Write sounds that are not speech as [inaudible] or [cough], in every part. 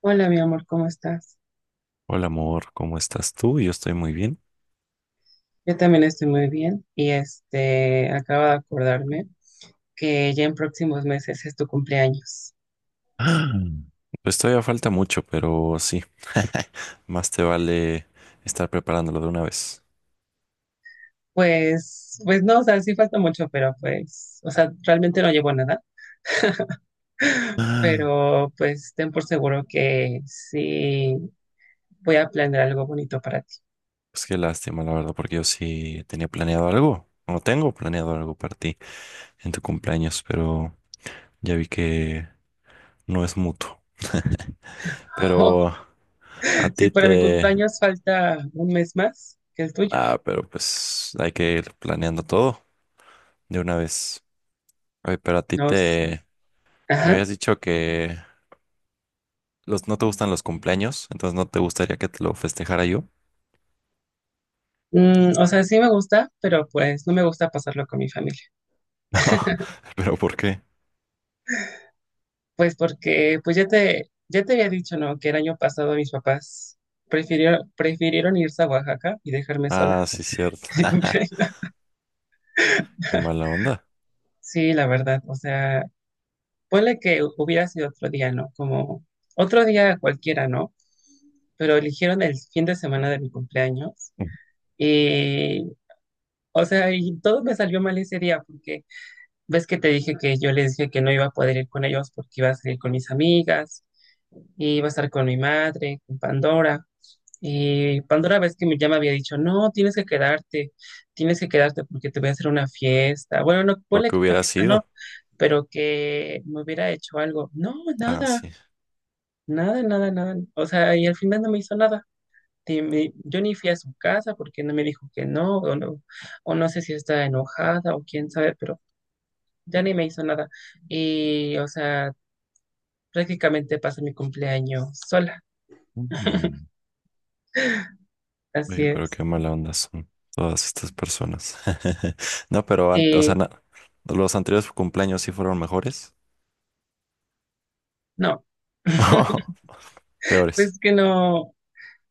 Hola, mi amor, ¿cómo estás? Hola amor, ¿cómo estás tú? Yo estoy muy bien. Yo también estoy muy bien y acabo de acordarme que ya en próximos meses es tu cumpleaños. Ah. Pues todavía falta mucho, pero sí, [laughs] más te vale estar preparándolo de una vez. Pues no, o sea, sí falta mucho, pero pues, o sea, realmente no llevo nada, pero pues ten por seguro que sí voy a planear algo bonito para ti. Pues qué lástima, la verdad, porque yo sí tenía planeado algo, o tengo planeado algo para ti en tu cumpleaños, pero ya vi que no es mutuo. [laughs] Pero [laughs] a Sí, ti para mi te... cumpleaños falta un mes más que el tuyo. Ah, pero pues hay que ir planeando todo de una vez. Oye, pero a ti No sé. te... Me Ajá. habías dicho que ¿no te gustan los cumpleaños? Entonces no te gustaría que te lo festejara yo. [laughs] Mm, o sea, sí me gusta, pero pues no me gusta pasarlo con mi familia. No, [laughs] pero ¿por qué? Pues porque, pues ya te había dicho, ¿no? Que el año pasado mis papás prefirieron irse a Oaxaca y dejarme sola Ah, sí, [laughs] cierto. el [laughs] cumpleaños. Qué mala onda. Sí, la verdad, o sea, ponle que hubiera sido otro día, ¿no? Como otro día cualquiera, ¿no? Pero eligieron el fin de semana de mi cumpleaños y, o sea, y todo me salió mal ese día porque ves que te dije que yo les dije que no iba a poder ir con ellos porque iba a salir con mis amigas, y iba a estar con mi madre, con Pandora. Y Pandora ves que ya me había dicho, no, tienes que quedarte porque te voy a hacer una fiesta. Bueno, no, Lo ponle que que una hubiera fiesta, no, sido. pero que me hubiera hecho algo. No, Ah, nada, sí. nada, nada, nada. O sea, y al final no me hizo nada. Y yo ni fui a su casa porque no me dijo que no, o no, o no sé si está enojada o quién sabe, pero ya ni me hizo nada. Y, o sea, prácticamente pasé mi cumpleaños sola, Mm. así Oye, pero es. qué mala onda son todas estas personas. [laughs] No, pero, o sea, Y los anteriores cumpleaños sí fueron mejores. no, [laughs] Peores. pues que no.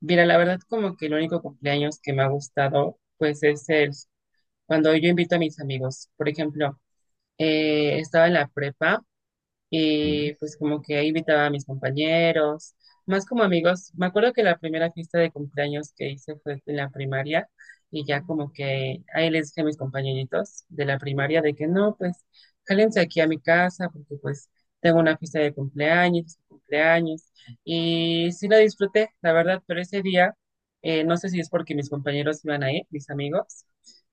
Mira, la verdad como que el único cumpleaños que me ha gustado pues es el cuando yo invito a mis amigos. Por ejemplo, estaba en la prepa Ujú. y pues como que ahí invitaba a mis compañeros, más como amigos. Me acuerdo que la primera fiesta de cumpleaños que hice fue en la primaria y ya como que ahí les dije a mis compañeritos de la primaria de que no, pues jálense aquí a mi casa porque pues tengo una fiesta de cumpleaños y sí la disfruté, la verdad, pero ese día, no sé si es porque mis compañeros iban a ir, mis amigos.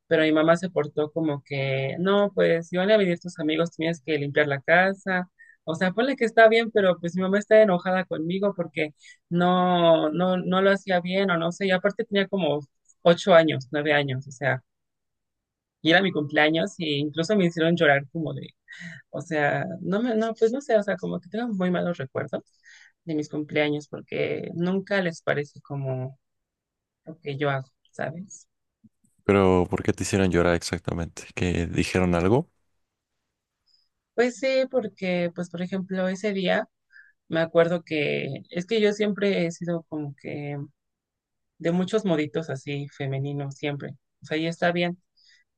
Pero mi mamá se portó como que, no, pues si van a venir tus amigos, tienes que limpiar la casa, o sea, ponle que está bien, pero pues mi mamá está enojada conmigo porque no lo hacía bien o no sé. Y aparte tenía como ocho años, nueve años, o sea, y era mi cumpleaños y incluso me hicieron llorar como de, o sea, no me, no, pues no sé, o sea, como que tengo muy malos recuerdos de mis cumpleaños porque nunca les parece como lo que yo hago, ¿sabes? Pero ¿por qué te hicieron llorar exactamente? ¿Que dijeron algo? Pues sí, porque, pues por ejemplo, ese día me acuerdo que es que yo siempre he sido como que de muchos moditos así femeninos siempre. O sea, y está bien,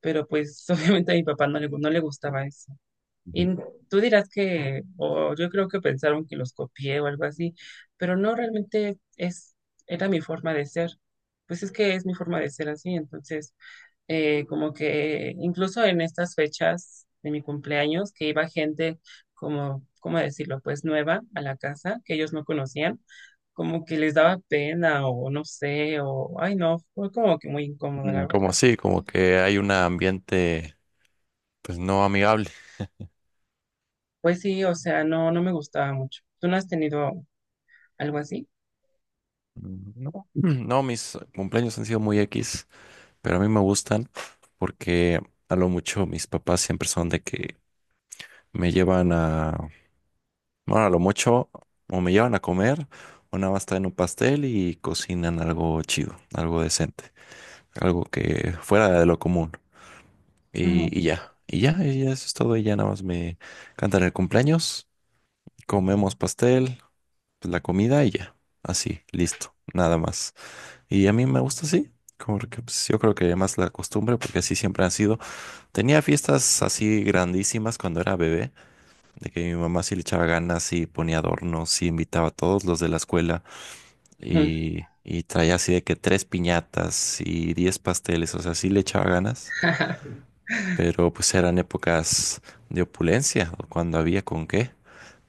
pero pues [laughs] obviamente a mi papá no le gustaba eso. Y Ujú. tú dirás que, o yo creo que pensaron que los copié o algo así, pero no realmente es, era mi forma de ser. Pues es que es mi forma de ser así, entonces como que incluso en estas fechas de mi cumpleaños, que iba gente como, ¿cómo decirlo? Pues nueva a la casa, que ellos no conocían, como que les daba pena o no sé, o, ay no, fue como que muy incómodo, Mm, la como verdad. así, como que hay un ambiente, pues no amigable. Pues sí, o sea, no, no me gustaba mucho. ¿Tú no has tenido algo así? Mm, no, no, mis cumpleaños han sido muy X, pero a mí me gustan porque a lo mucho mis papás siempre son de que me llevan a, bueno, a lo mucho o me llevan a comer o nada más traen un pastel y cocinan algo chido, algo decente, algo que fuera de lo común Ujú, y, y ya eso es todo y ya nada más me cantan el cumpleaños, comemos pastel, pues, la comida y ya, así, listo, nada más. Y a mí me gusta así, como que pues, yo creo que más la costumbre, porque así siempre han sido. Tenía fiestas así grandísimas cuando era bebé, de que mi mamá sí le echaba ganas y ponía adornos y invitaba a todos los de la escuela ujú. Y traía así de que tres piñatas y 10 pasteles, o sea, sí le echaba ganas, [laughs] pero pues eran épocas de opulencia, cuando había con qué,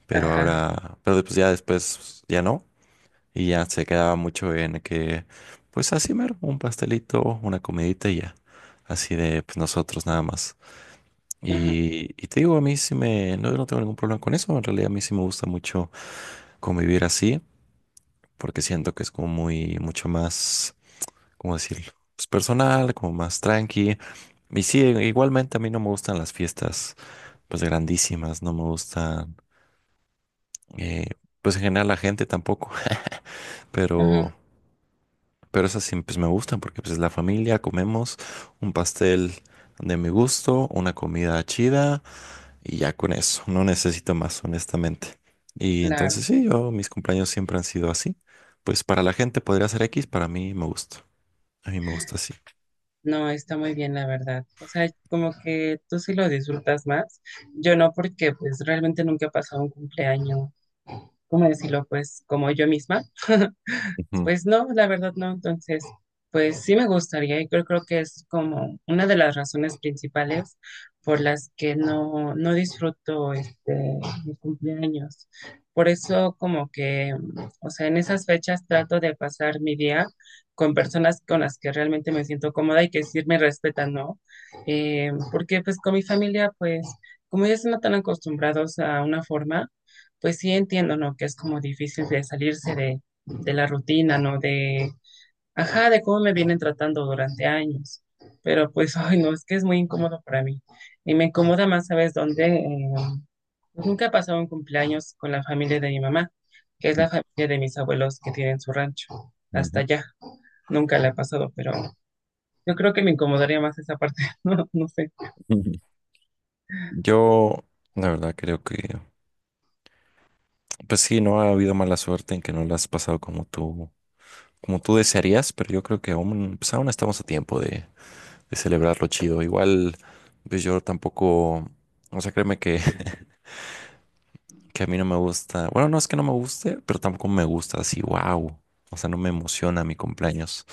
pero Ajá, ahora, pero pues ya después ya no. Y ya se quedaba mucho en que, pues así mero, un pastelito, una comidita y ya. Así de pues, nosotros nada más. ujú, Y te digo, a mí sí me, no, no tengo ningún problema con eso. En realidad a mí sí me gusta mucho convivir así, porque siento que es como muy, mucho más, ¿cómo decirlo? Pues personal, como más tranqui. Y sí, igualmente a mí no me gustan las fiestas, pues grandísimas, no me gustan, eh, pues en general la gente tampoco, [laughs] ujú, pero... Pero esas sí, pues me gustan porque pues es la familia, comemos un pastel de mi gusto, una comida chida y ya con eso, no necesito más, honestamente. Y claro. entonces sí, yo mis cumpleaños siempre han sido así. Pues para la gente podría ser X, para mí me gusta. A mí me gusta así. No, está muy bien, la verdad. O sea, como que tú sí lo disfrutas más. Yo no, porque pues realmente nunca he pasado un cumpleaños, ¿cómo decirlo? Pues como yo misma. Ujú, Pues no, la verdad no. Entonces, pues sí me gustaría y creo que es como una de las razones principales por las que no, no disfruto mi cumpleaños. Por eso como que, mm, o sea, en esas fechas trato de pasar mi día con personas con las que realmente me siento cómoda y que sí me respetan, ¿no? Porque pues con mi familia, pues como ya están tan acostumbrados a una forma, pues sí entiendo, ¿no? Que es como difícil de salirse de la rutina, ¿no? De, ajá, de cómo me vienen tratando durante años. Pero pues, [laughs] ay, no, es que es muy incómodo para mí. Y me incomoda más, ¿sabes dónde? Pues, nunca he pasado un cumpleaños con la familia de mi mamá, que es la familia de mis abuelos que tienen su rancho. Hasta ujú, allá, nunca la he pasado, pero yo creo que me incomodaría más esa parte, [laughs] no, no sé. ujú. Yo, la verdad, creo que, pues sí, no ha habido mala suerte en que no la has pasado como tú desearías, pero yo creo que aún, pues aún estamos a tiempo de celebrarlo chido. Igual, pues yo tampoco, o sea, créeme que, [laughs] que a mí no me gusta, bueno, no es que no me guste, pero tampoco me gusta así, wow. O sea, no me emociona mi cumpleaños,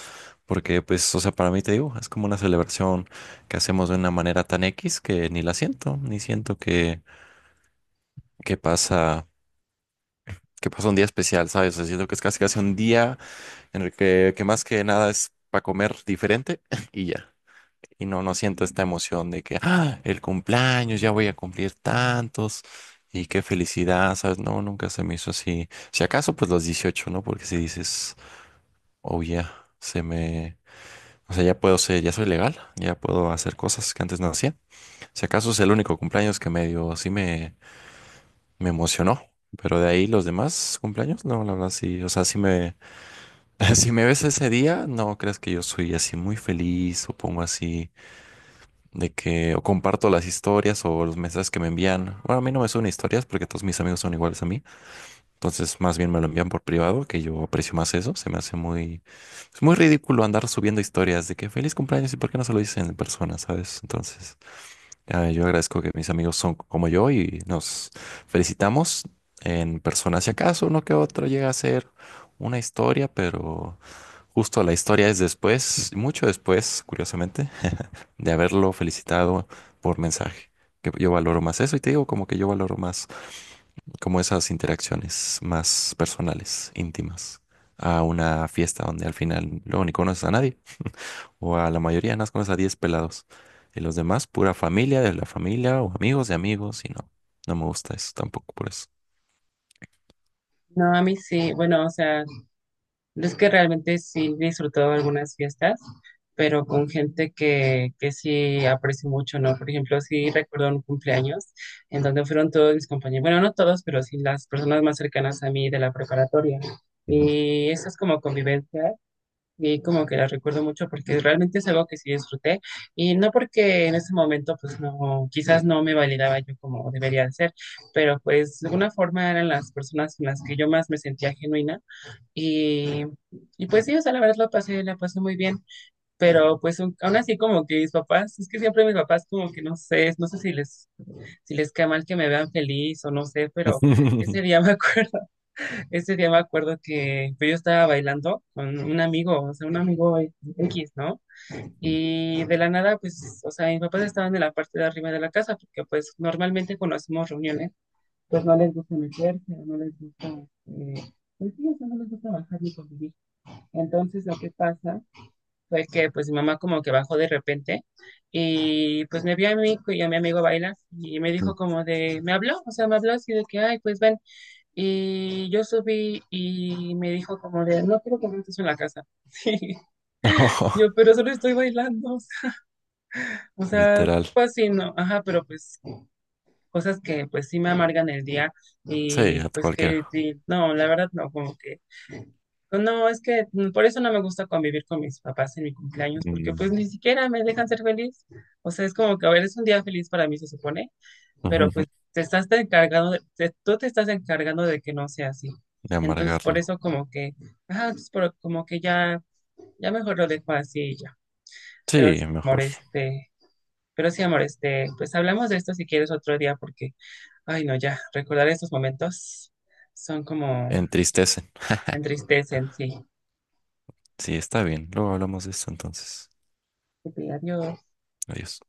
porque pues, o sea, para mí te digo, es como una celebración que hacemos de una manera tan X que ni la siento, ni siento que pasa, que pasa un día especial, ¿sabes? O sea, siento que es casi casi un día en el que más que nada es para comer diferente [laughs] y ya. Y no, no siento esta emoción de que, ah, el cumpleaños, ya voy a cumplir tantos y qué felicidad, ¿sabes? No, nunca se me hizo así. Si acaso, pues los 18, ¿no? Porque si dices, oh, ya, se me... O sea, ya puedo ser, ya soy legal, ya puedo hacer cosas que antes no hacía. Si acaso es el único cumpleaños que medio sí me emocionó. Pero de ahí los demás cumpleaños, no, la verdad sí. O sea, [laughs] si me ves ese día, no creas que yo soy así muy feliz o pongo así de que o comparto las historias o los mensajes que me envían. Bueno, a mí no me suben historias porque todos mis amigos son iguales a mí. Entonces, más bien me lo envían por privado, que yo aprecio más eso. Se me hace es muy ridículo andar subiendo historias de que feliz cumpleaños y por qué no se lo dicen en persona, ¿sabes? Entonces, ah, yo agradezco que mis amigos son como yo y nos felicitamos en persona. Si acaso uno que otro llega a ser una historia, pero justo la historia es después, mucho después, curiosamente de haberlo felicitado por mensaje. Que yo valoro más eso y te digo como que yo valoro más como esas interacciones más personales, íntimas, a una fiesta donde al final luego ni conoces a nadie o a la mayoría nada más conoces a 10 pelados y los demás pura familia de la familia o amigos de amigos y no, no me gusta eso tampoco por eso. No, a mí sí, bueno, o sea, es que realmente sí he disfrutado algunas fiestas, pero con gente que sí aprecio mucho, ¿no? Por ejemplo, sí recuerdo un cumpleaños en donde fueron todos mis compañeros, bueno, no todos, pero sí las personas más cercanas a mí de la preparatoria. Ujú. Y eso es como convivencia y como que la recuerdo mucho porque realmente es algo que sí disfruté y no porque en ese momento pues no, quizás no me validaba yo como debería de ser, pero pues de alguna forma eran las personas con las que yo más me sentía genuina y, y pues sí, o sea, la verdad la pasé muy bien, pero pues aún así como que mis papás, es que siempre mis papás como que no sé, no sé si les cae mal que me vean feliz o no sé, pero [laughs] ese día me acuerdo, [laughs] ese día me acuerdo que pues, yo estaba bailando con un amigo, o sea, un amigo X, ¿no? Y de la nada, pues, o sea, mis papás estaban en la parte de arriba de la casa, porque pues normalmente cuando hacemos reuniones, pues no les gusta meterse, o no les gusta... eh, pues sí, o sea, no les gusta bajar ni convivir. Entonces lo que pasa fue que pues mi mamá como que bajó de repente y pues me vio a mí y a mi amigo bailar y me dijo como me habló, o sea, me habló así de que, ay, pues ven. Y yo subí y me dijo como de, no quiero que me estés en la casa. [laughs] Sí, No, yo, pero solo estoy bailando. O sea, literal. pues sí, no, ajá, pero pues cosas que pues sí me amargan el día Sí, y a pues que, cualquiera. sí, no, la verdad no, como que no, es que mm, por eso no me gusta convivir con mis papás en mi cumpleaños, porque pues Mm. ni siquiera me dejan ser feliz. O sea, es como que, a ver, es un día feliz para mí, se supone, pero pues [laughs] te estás te encargando, de- te- tú te estás encargando de que no sea así. De Entonces, por amargarlo. eso como que, ah, como que ya, ya mejor lo dejo así y ya. Pero sí, Sí, amor, mejor. este, pero sí, amor, pues hablamos de esto si quieres otro día, porque, ay, no, ya, recordar estos momentos son como Entristece. entristecen, sí. Sí, está bien. Luego hablamos de esto entonces. Ok, adiós. Adiós.